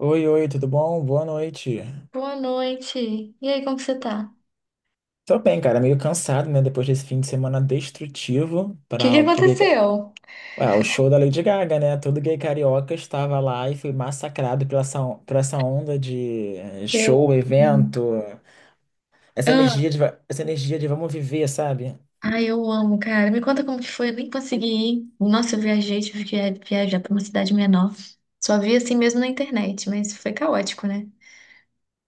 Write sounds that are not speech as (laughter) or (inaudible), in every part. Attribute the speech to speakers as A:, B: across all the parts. A: Oi, oi, tudo bom? Boa noite.
B: Boa noite. E aí, como que você tá? O
A: Tô bem, cara, meio cansado, né? Depois desse fim de semana destrutivo
B: que
A: para
B: que
A: o pro gay.
B: aconteceu?
A: Ué, o show da Lady Gaga, né? Todo gay carioca estava lá e foi massacrado por essa onda de show,
B: Eu.
A: evento,
B: Ah,
A: essa energia de vamos viver, sabe?
B: ai, eu amo, cara. Me conta como que foi. Eu nem consegui ir. Nossa, eu viajei, tive que viajar pra uma cidade menor. Só vi assim mesmo na internet, mas foi caótico, né?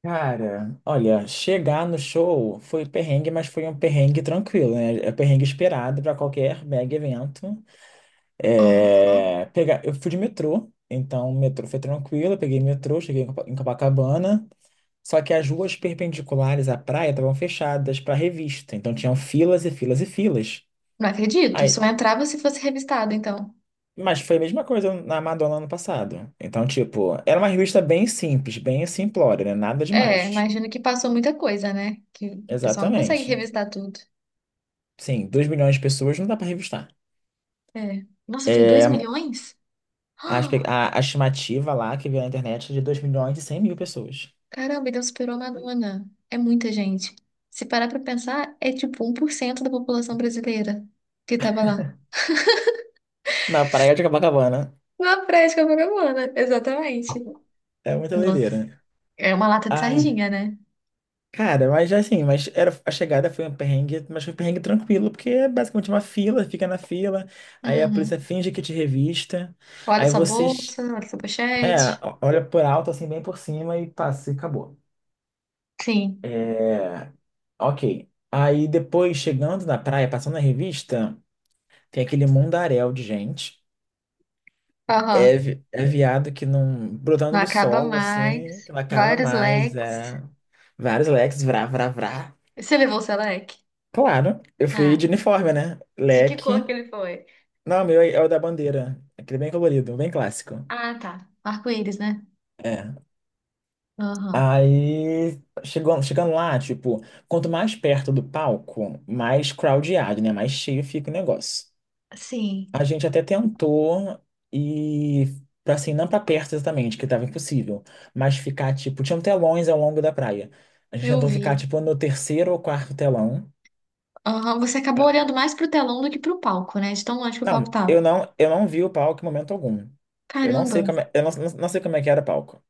A: Cara, olha, chegar no show foi perrengue, mas foi um perrengue tranquilo, né? É perrengue esperado para qualquer mega evento.
B: Aham.
A: É, eu fui de metrô, então o metrô foi tranquilo, eu peguei metrô, cheguei em em Copacabana, só que as ruas perpendiculares à praia estavam fechadas para revista, então tinham filas e filas e filas.
B: Não acredito. Só
A: Aí,
B: entrava se fosse revistado, então.
A: mas foi a mesma coisa na Madonna ano passado. Então, tipo, era uma revista bem simples, bem simplória, né? Nada
B: É,
A: demais.
B: imagino que passou muita coisa, né? Que o pessoal não consegue
A: Exatamente.
B: revistar tudo.
A: Sim, 2 milhões de pessoas não dá para revistar.
B: É. Nossa, foi 2
A: É,
B: milhões?
A: a, espe-
B: (gasps)
A: a estimativa lá que veio na internet é de 2,1 milhões pessoas.
B: Caramba, então superou a Madonna. É muita gente. Se parar pra pensar, é tipo 1% da população brasileira que tava lá.
A: Na praia de Copacabana.
B: Na prática, vagabunda, exatamente.
A: É muita
B: Nossa,
A: doideira.
B: é uma lata de
A: Ai,
B: sardinha, né?
A: cara, mas já assim, mas era, a chegada foi um perrengue, mas foi um perrengue tranquilo, porque é basicamente uma fila, fica na fila, aí a polícia
B: Uhum.
A: finge que te revista,
B: Olha
A: aí
B: sua
A: vocês,
B: bolsa, olha sua
A: é,
B: pochete.
A: olha por alto, assim, bem por cima e passa, e acabou.
B: Sim,
A: É, ok. Aí depois, chegando na praia, passando na revista, tem aquele mundaréu de gente. É,
B: aham.
A: vi- é viado que não, brotando
B: Não
A: do
B: acaba
A: solo, assim,
B: mais.
A: que não acaba
B: Vários
A: mais.
B: leques.
A: É, vários leques, vrá, vrá, vrá.
B: Você levou o seu leque?
A: Claro, eu fui
B: Ah,
A: de uniforme, né?
B: de que cor que
A: Leque.
B: ele foi?
A: Não, o meu é o da bandeira. Aquele bem colorido, bem clássico.
B: Ah, tá. Arco-íris, né?
A: É.
B: Aham.
A: Aí, chegando lá, tipo, quanto mais perto do palco, mais crowdado, né? Mais cheio fica o negócio.
B: Sim,
A: A gente até tentou ir, pra, assim, não pra perto exatamente, que tava impossível, mas ficar, tipo, tinham telões ao longo da praia. A gente
B: eu
A: tentou ficar,
B: vi.
A: tipo, no terceiro ou quarto telão.
B: Aham, você acabou olhando mais pro telão do que pro palco, né? De tão longe que o palco
A: Não, eu
B: tava.
A: não, eu não vi o palco em momento algum. Eu não sei
B: Caramba!
A: como é, eu não, não- não sei como é que era o palco.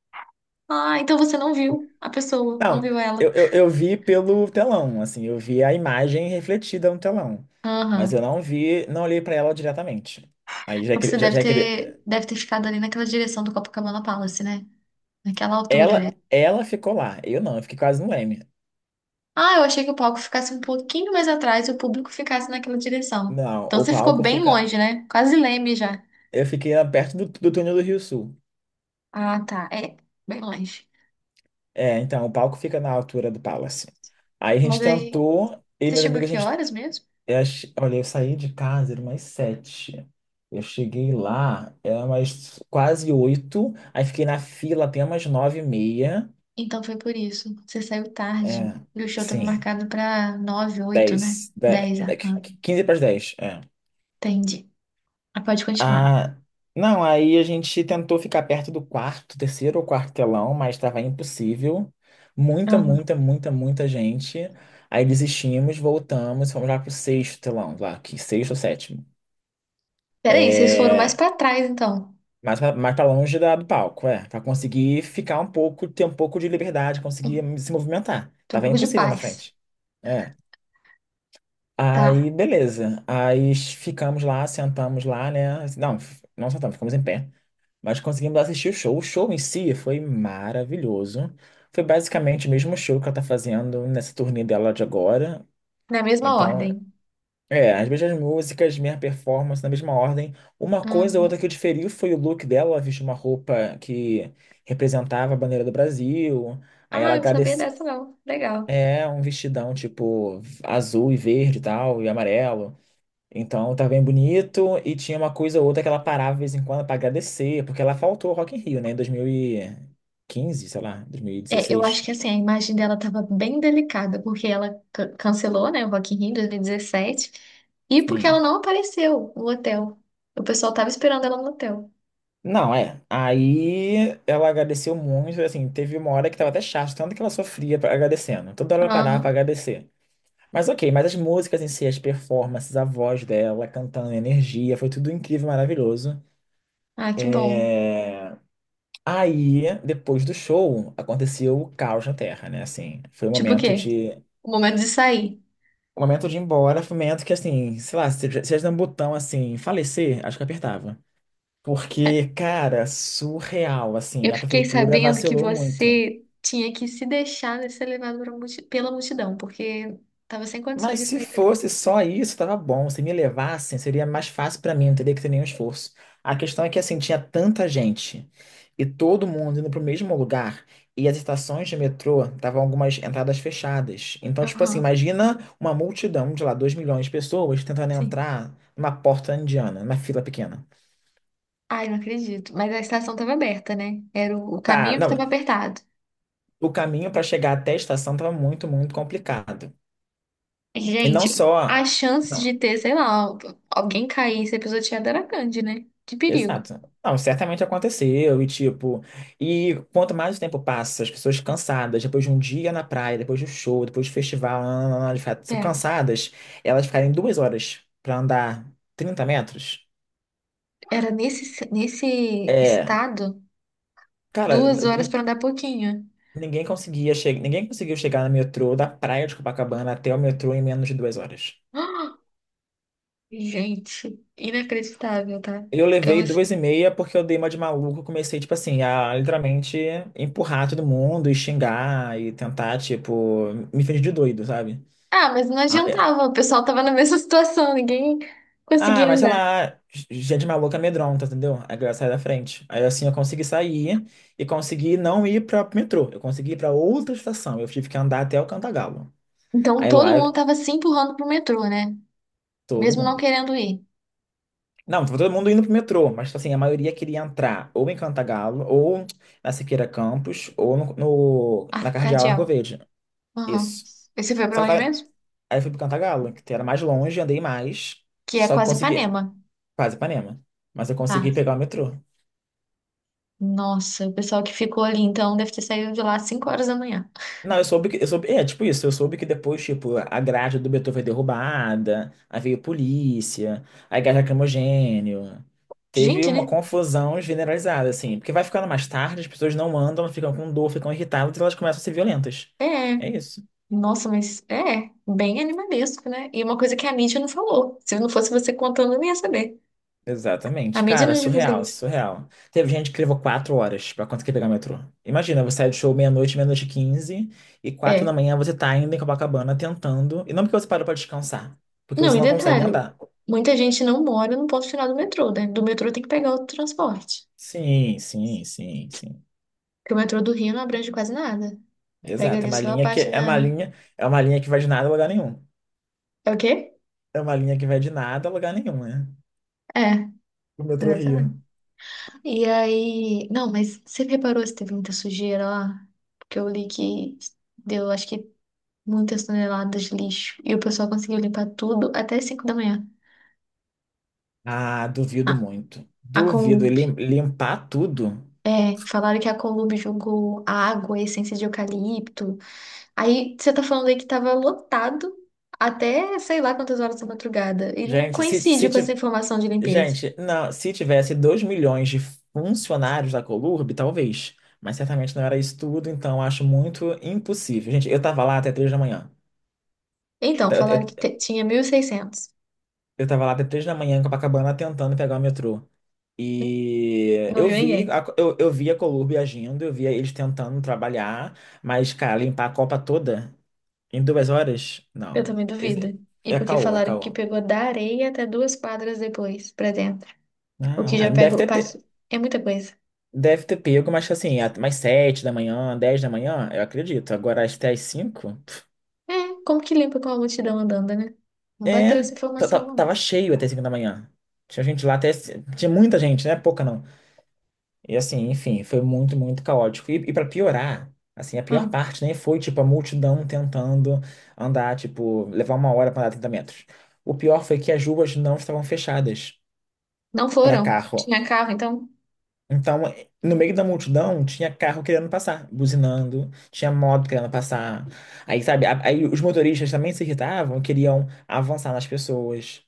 B: Ah, então você não viu a pessoa, não
A: Não,
B: viu ela.
A: eu vi pelo telão, assim, eu vi a imagem refletida no telão. Mas eu
B: Aham.
A: não vi, não olhei pra ela diretamente. Aí já
B: Então você
A: queria, já,
B: deve
A: já queria,
B: ter, deve ter ficado ali naquela direção do Copacabana Palace, né? Naquela altura,
A: ela,
B: né?
A: ela ficou lá, eu fiquei quase no Leme.
B: Ah, eu achei que o palco ficasse um pouquinho mais atrás e o público ficasse naquela direção.
A: Não,
B: Então
A: o
B: você ficou
A: palco
B: bem
A: fica,
B: longe, né? Quase leme já.
A: Eu fiquei lá perto do túnel do Rio Sul.
B: Ah, tá. É, bem longe.
A: É, então, o palco fica na altura do Palace. Aí a
B: Mas
A: gente
B: aí,
A: tentou, eu e
B: você
A: meus
B: chegou a
A: amigos, a
B: que
A: gente.
B: horas mesmo?
A: Olha, eu saí de casa, era umas sete. Eu cheguei lá, era umas quase oito. Aí fiquei na fila até umas nove e meia.
B: Então foi por isso. Você saiu tarde.
A: É,
B: E o show tava
A: sim.
B: marcado pra nove, oito,
A: Dez.
B: né? Dez, ah,
A: Quinze para as dez. É.
B: entendi. Ah, pode continuar.
A: Ah, não, aí a gente tentou ficar perto do quarto, terceiro ou quartelão, mas estava impossível. Muita,
B: Uhum.
A: muita, muita, muita gente. Aí desistimos, voltamos, fomos lá pro sexto telão, lá, que sexto ou sétimo.
B: Peraí, vocês foram mais pra trás, então.
A: Mais pra longe do palco, é. Pra conseguir ficar um pouco, ter um pouco de liberdade, conseguir
B: Hum,
A: se movimentar.
B: Tô um
A: Tava
B: pouco de
A: impossível na
B: paz.
A: frente. É. Aí,
B: Tá.
A: beleza. Aí ficamos lá, sentamos lá, né? Não, não sentamos, ficamos em pé. Mas conseguimos assistir o show. O show em si foi maravilhoso. Foi basicamente o mesmo show que ela tá fazendo nessa turnê dela de agora.
B: Na mesma
A: Então,
B: ordem.
A: as mesmas músicas, minha performance na mesma ordem. Uma coisa ou
B: Uhum.
A: outra que eu diferi foi o look dela. Ela vestiu uma roupa que representava a bandeira do Brasil. Aí
B: Ah,
A: ela
B: eu não sabia
A: agradeceu.
B: dessa, não. Legal.
A: É, um vestidão tipo azul e verde e tal, e amarelo. Então tá bem bonito. E tinha uma coisa ou outra que ela parava de vez em quando pra agradecer, porque ela faltou ao Rock in Rio, né, em 2015, sei lá,
B: É, eu acho
A: 2016.
B: que assim, a imagem dela tava bem delicada, porque ela cancelou, né, o Rock in Rio 2017, e dezessete, e porque ela
A: Sim,
B: não apareceu no hotel. O pessoal tava esperando ela no hotel.
A: não, é. Aí ela agradeceu muito, assim, teve uma hora que tava até chato, tanto que ela sofria agradecendo. Toda hora ela parava pra
B: Aham.
A: agradecer. Mas ok, mas as músicas em si, as performances, a voz dela, cantando, a energia, foi tudo incrível, maravilhoso.
B: Ah, que bom.
A: Aí, depois do show, aconteceu o caos na Terra, né? Assim, foi o
B: Tipo o
A: momento
B: quê?
A: de.
B: O momento de sair.
A: O momento de ir embora foi o momento que, assim, sei lá, se tivesse um botão assim, falecer, acho que apertava. Porque, cara, surreal, assim,
B: Eu
A: a
B: fiquei
A: prefeitura
B: sabendo que
A: vacilou muito.
B: você tinha que se deixar de ser levado pra pela multidão, porque tava sem condições
A: Mas
B: de
A: se
B: sair dali.
A: fosse só isso, tava bom. Se me levassem, seria mais fácil pra mim, não teria que ter nenhum esforço. A questão é que, assim, tinha tanta gente e todo mundo indo pro mesmo lugar e as estações de metrô estavam algumas entradas fechadas. Então, tipo assim,
B: Aham,
A: imagina uma multidão de lá, 2 milhões de pessoas tentando
B: sim.
A: entrar numa porta indiana, numa fila pequena.
B: Ai, não acredito. Mas a estação tava aberta, né? Era o
A: Tá,
B: caminho que tava
A: não,
B: apertado.
A: o caminho para chegar até a estação tava muito, muito complicado. E não
B: Gente, a
A: só.
B: chance de ter, sei lá, alguém cair e ser pisoteado era grande, né? De perigo.
A: Exato. Não, certamente aconteceu, e tipo, e quanto mais o tempo passa, as pessoas cansadas, depois de um dia na praia, depois do show, depois do festival, nananana, de fato, são
B: É,
A: cansadas, elas ficarem 2 horas pra andar 30 metros.
B: era nesse
A: É,
B: estado,
A: cara,
B: 2 horas pra andar pouquinho. (gasps)
A: ninguém conseguia chegar, ninguém conseguiu chegar no metrô da praia de Copacabana até o metrô em menos de 2 horas.
B: Ah, gente, inacreditável, tá?
A: Eu levei duas e meia porque eu dei uma de maluco. Comecei, tipo assim, a literalmente empurrar todo mundo e xingar e tentar, tipo, me fingir de doido, sabe?
B: Ah, mas não
A: Ah, é.
B: adiantava, o pessoal tava na (laughs) mesma situação, ninguém
A: Ah,
B: conseguia
A: mas sei
B: andar.
A: lá, gente maluca amedronta, entendeu? Aí a galera sai da frente. Aí assim eu consegui sair e consegui não ir pra metrô. Eu consegui ir pra outra estação. Eu tive que andar até o Cantagalo.
B: Então
A: Aí
B: todo
A: lá
B: mundo tava se empurrando pro metrô, né?
A: todo
B: Mesmo não
A: mundo.
B: querendo ir.
A: Não, tava todo mundo indo pro metrô, mas tipo assim, a maioria queria entrar ou em Cantagalo, ou na Siqueira Campos, ou no, no- na
B: Ah,
A: Cardeal
B: cardeal.
A: Arcoverde.
B: Aham.
A: Isso.
B: Esse foi
A: Só
B: pra
A: que
B: onde
A: tava-
B: mesmo?
A: Aí eu fui pro Cantagalo, que era mais longe, andei mais,
B: Que é
A: só que
B: quase
A: consegui,
B: Ipanema.
A: quase Ipanema, mas eu consegui
B: Ah,
A: pegar o metrô.
B: nossa, o pessoal que ficou ali então deve ter saído de lá às 5 horas da manhã.
A: Não, eu soube que. Eu soube, é, tipo isso, eu soube que depois, tipo, a grade do Beethoven foi derrubada, aí veio polícia, aí gás lacrimogênio. Teve
B: Gente,
A: uma
B: né?
A: confusão generalizada, assim. Porque vai ficando mais tarde, as pessoas não andam, ficam com dor, ficam irritadas e elas começam a ser violentas.
B: É.
A: É isso.
B: Nossa, mas é bem animalesco, né? E uma coisa que a mídia não falou. Se não fosse você contando, eu nem ia saber. A
A: Exatamente.
B: mídia
A: Cara,
B: não divulga
A: surreal,
B: isso.
A: surreal. Teve gente que levou 4 horas pra conseguir pegar o metrô. Imagina, você sai do show meia-noite, meia-noite e quinze, e quatro da
B: É.
A: manhã você tá ainda em Copacabana tentando. E não porque você parou pra descansar, porque
B: Não,
A: você
B: e
A: não consegue
B: detalhe,
A: andar.
B: muita gente não mora no ponto final do metrô, né? Do metrô tem que pegar outro transporte.
A: Sim, sim, sim, sim.
B: Porque o metrô do Rio não abrange quase nada. Pega
A: Exato. É
B: ali
A: uma
B: só a
A: linha que
B: parte da.
A: é uma linha que vai de nada a lugar nenhum.
B: É o quê?
A: É uma linha que vai de nada a lugar nenhum, né?
B: É,
A: O metrô Rio.
B: exatamente. E aí. Não, mas você reparou se teve muita sujeira lá? Porque eu li que deu, acho que, muitas toneladas de lixo. E o pessoal conseguiu limpar tudo até 5 da manhã.
A: Ah, duvido
B: Ah,
A: muito.
B: a
A: Duvido
B: Conlub.
A: ele limpar tudo.
B: É, falaram que a Conlub jogou água, essência de eucalipto. Aí você tá falando aí que tava lotado até sei lá quantas horas da madrugada. E não
A: Gente, se,
B: coincide
A: se
B: com essa
A: ti-
B: informação de limpeza.
A: Gente, não, se tivesse 2 milhões de funcionários da Colurb, talvez, mas certamente não era isso tudo, então acho muito impossível. Gente, eu tava lá até 3 da manhã. Eu,
B: Então,
A: ta-
B: falaram que
A: eu,
B: tinha 1.600,
A: eu tava lá até três da manhã em Copacabana tentando pegar o metrô. E
B: não
A: eu
B: viu
A: vi,
B: ninguém.
A: a, eu, eu vi a Columbia agindo, eu via eles tentando trabalhar, mas, cara, limpar a Copa toda em 2 horas?
B: Eu
A: Não.
B: também duvido. E
A: É, é
B: porque
A: caô, é
B: falaram que
A: caô.
B: pegou da areia até duas quadras depois, pra dentro. O que
A: Não, é,
B: já pega. É muita coisa.
A: deve ter pego, mas assim, mais sete da manhã, dez da manhã, eu acredito. Agora até às cinco?
B: É, como que limpa com a multidão andando, né? Não bateu
A: É,
B: essa informação, não.
A: tava cheio até 5 da manhã. Tinha gente lá até. C- Tinha muita gente, não é pouca não. E assim, enfim, foi muito, muito caótico. E para piorar, assim, a pior
B: Não,
A: parte nem foi, tipo, a multidão tentando andar, tipo, levar uma hora para andar 30 metros. O pior foi que as ruas não estavam fechadas
B: não
A: para
B: foram.
A: carro.
B: Tinha carro, então.
A: Então, no meio da multidão, tinha carro querendo passar, buzinando, tinha moto querendo passar. Aí, sabe, aí os motoristas também se irritavam, queriam avançar nas pessoas.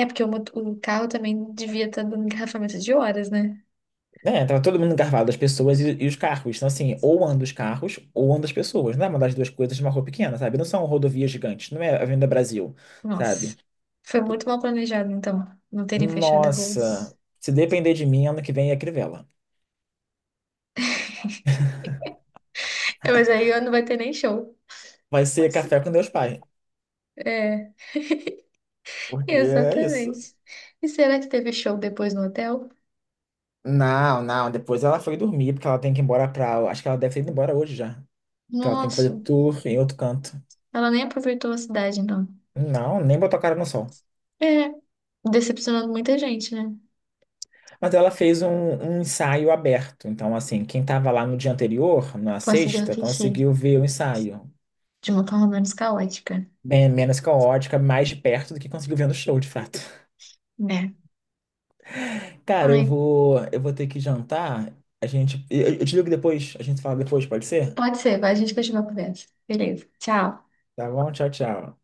B: É porque o carro também devia estar dando engarrafamento de horas, né?
A: É, tava todo mundo engarrafado, as pessoas e os carros. Então, assim, ou anda os carros, ou anda as pessoas. Não é uma das duas coisas de uma rua pequena, sabe? Não são rodovias gigantes, não é a Avenida Brasil,
B: Nossa,
A: sabe?
B: foi muito mal planejado, então, não terem fechado a rua.
A: Nossa, se depender de mim, ano que vem é Crivella.
B: É, mas aí não vai ter nem show.
A: Vai ser café com Deus Pai.
B: É,
A: Porque é isso.
B: exatamente. E será que teve show depois no hotel?
A: Não, não, depois ela foi dormir, porque ela tem que ir embora pra. Acho que ela deve ter ido embora hoje já. Que ela tem que fazer
B: Nossa,
A: tour em outro canto.
B: ela nem aproveitou a cidade, não.
A: Não, nem botou a cara no sol.
B: É, decepcionando muita gente, né?
A: Mas ela fez um ensaio aberto. Então, assim, quem estava lá no dia anterior, na
B: Conseguiu
A: sexta,
B: assistir
A: conseguiu ver o ensaio.
B: de uma forma menos caótica,
A: Bem menos caótica, mais de perto do que conseguiu ver no show, de fato.
B: né?
A: (laughs) Cara, eu
B: Ai,
A: vou, eu vou ter que jantar. Eu te ligo depois, a gente fala depois, pode ser?
B: pode ser, vai, a gente continua a conversa. Beleza, tchau.
A: Tá bom? Tchau, tchau.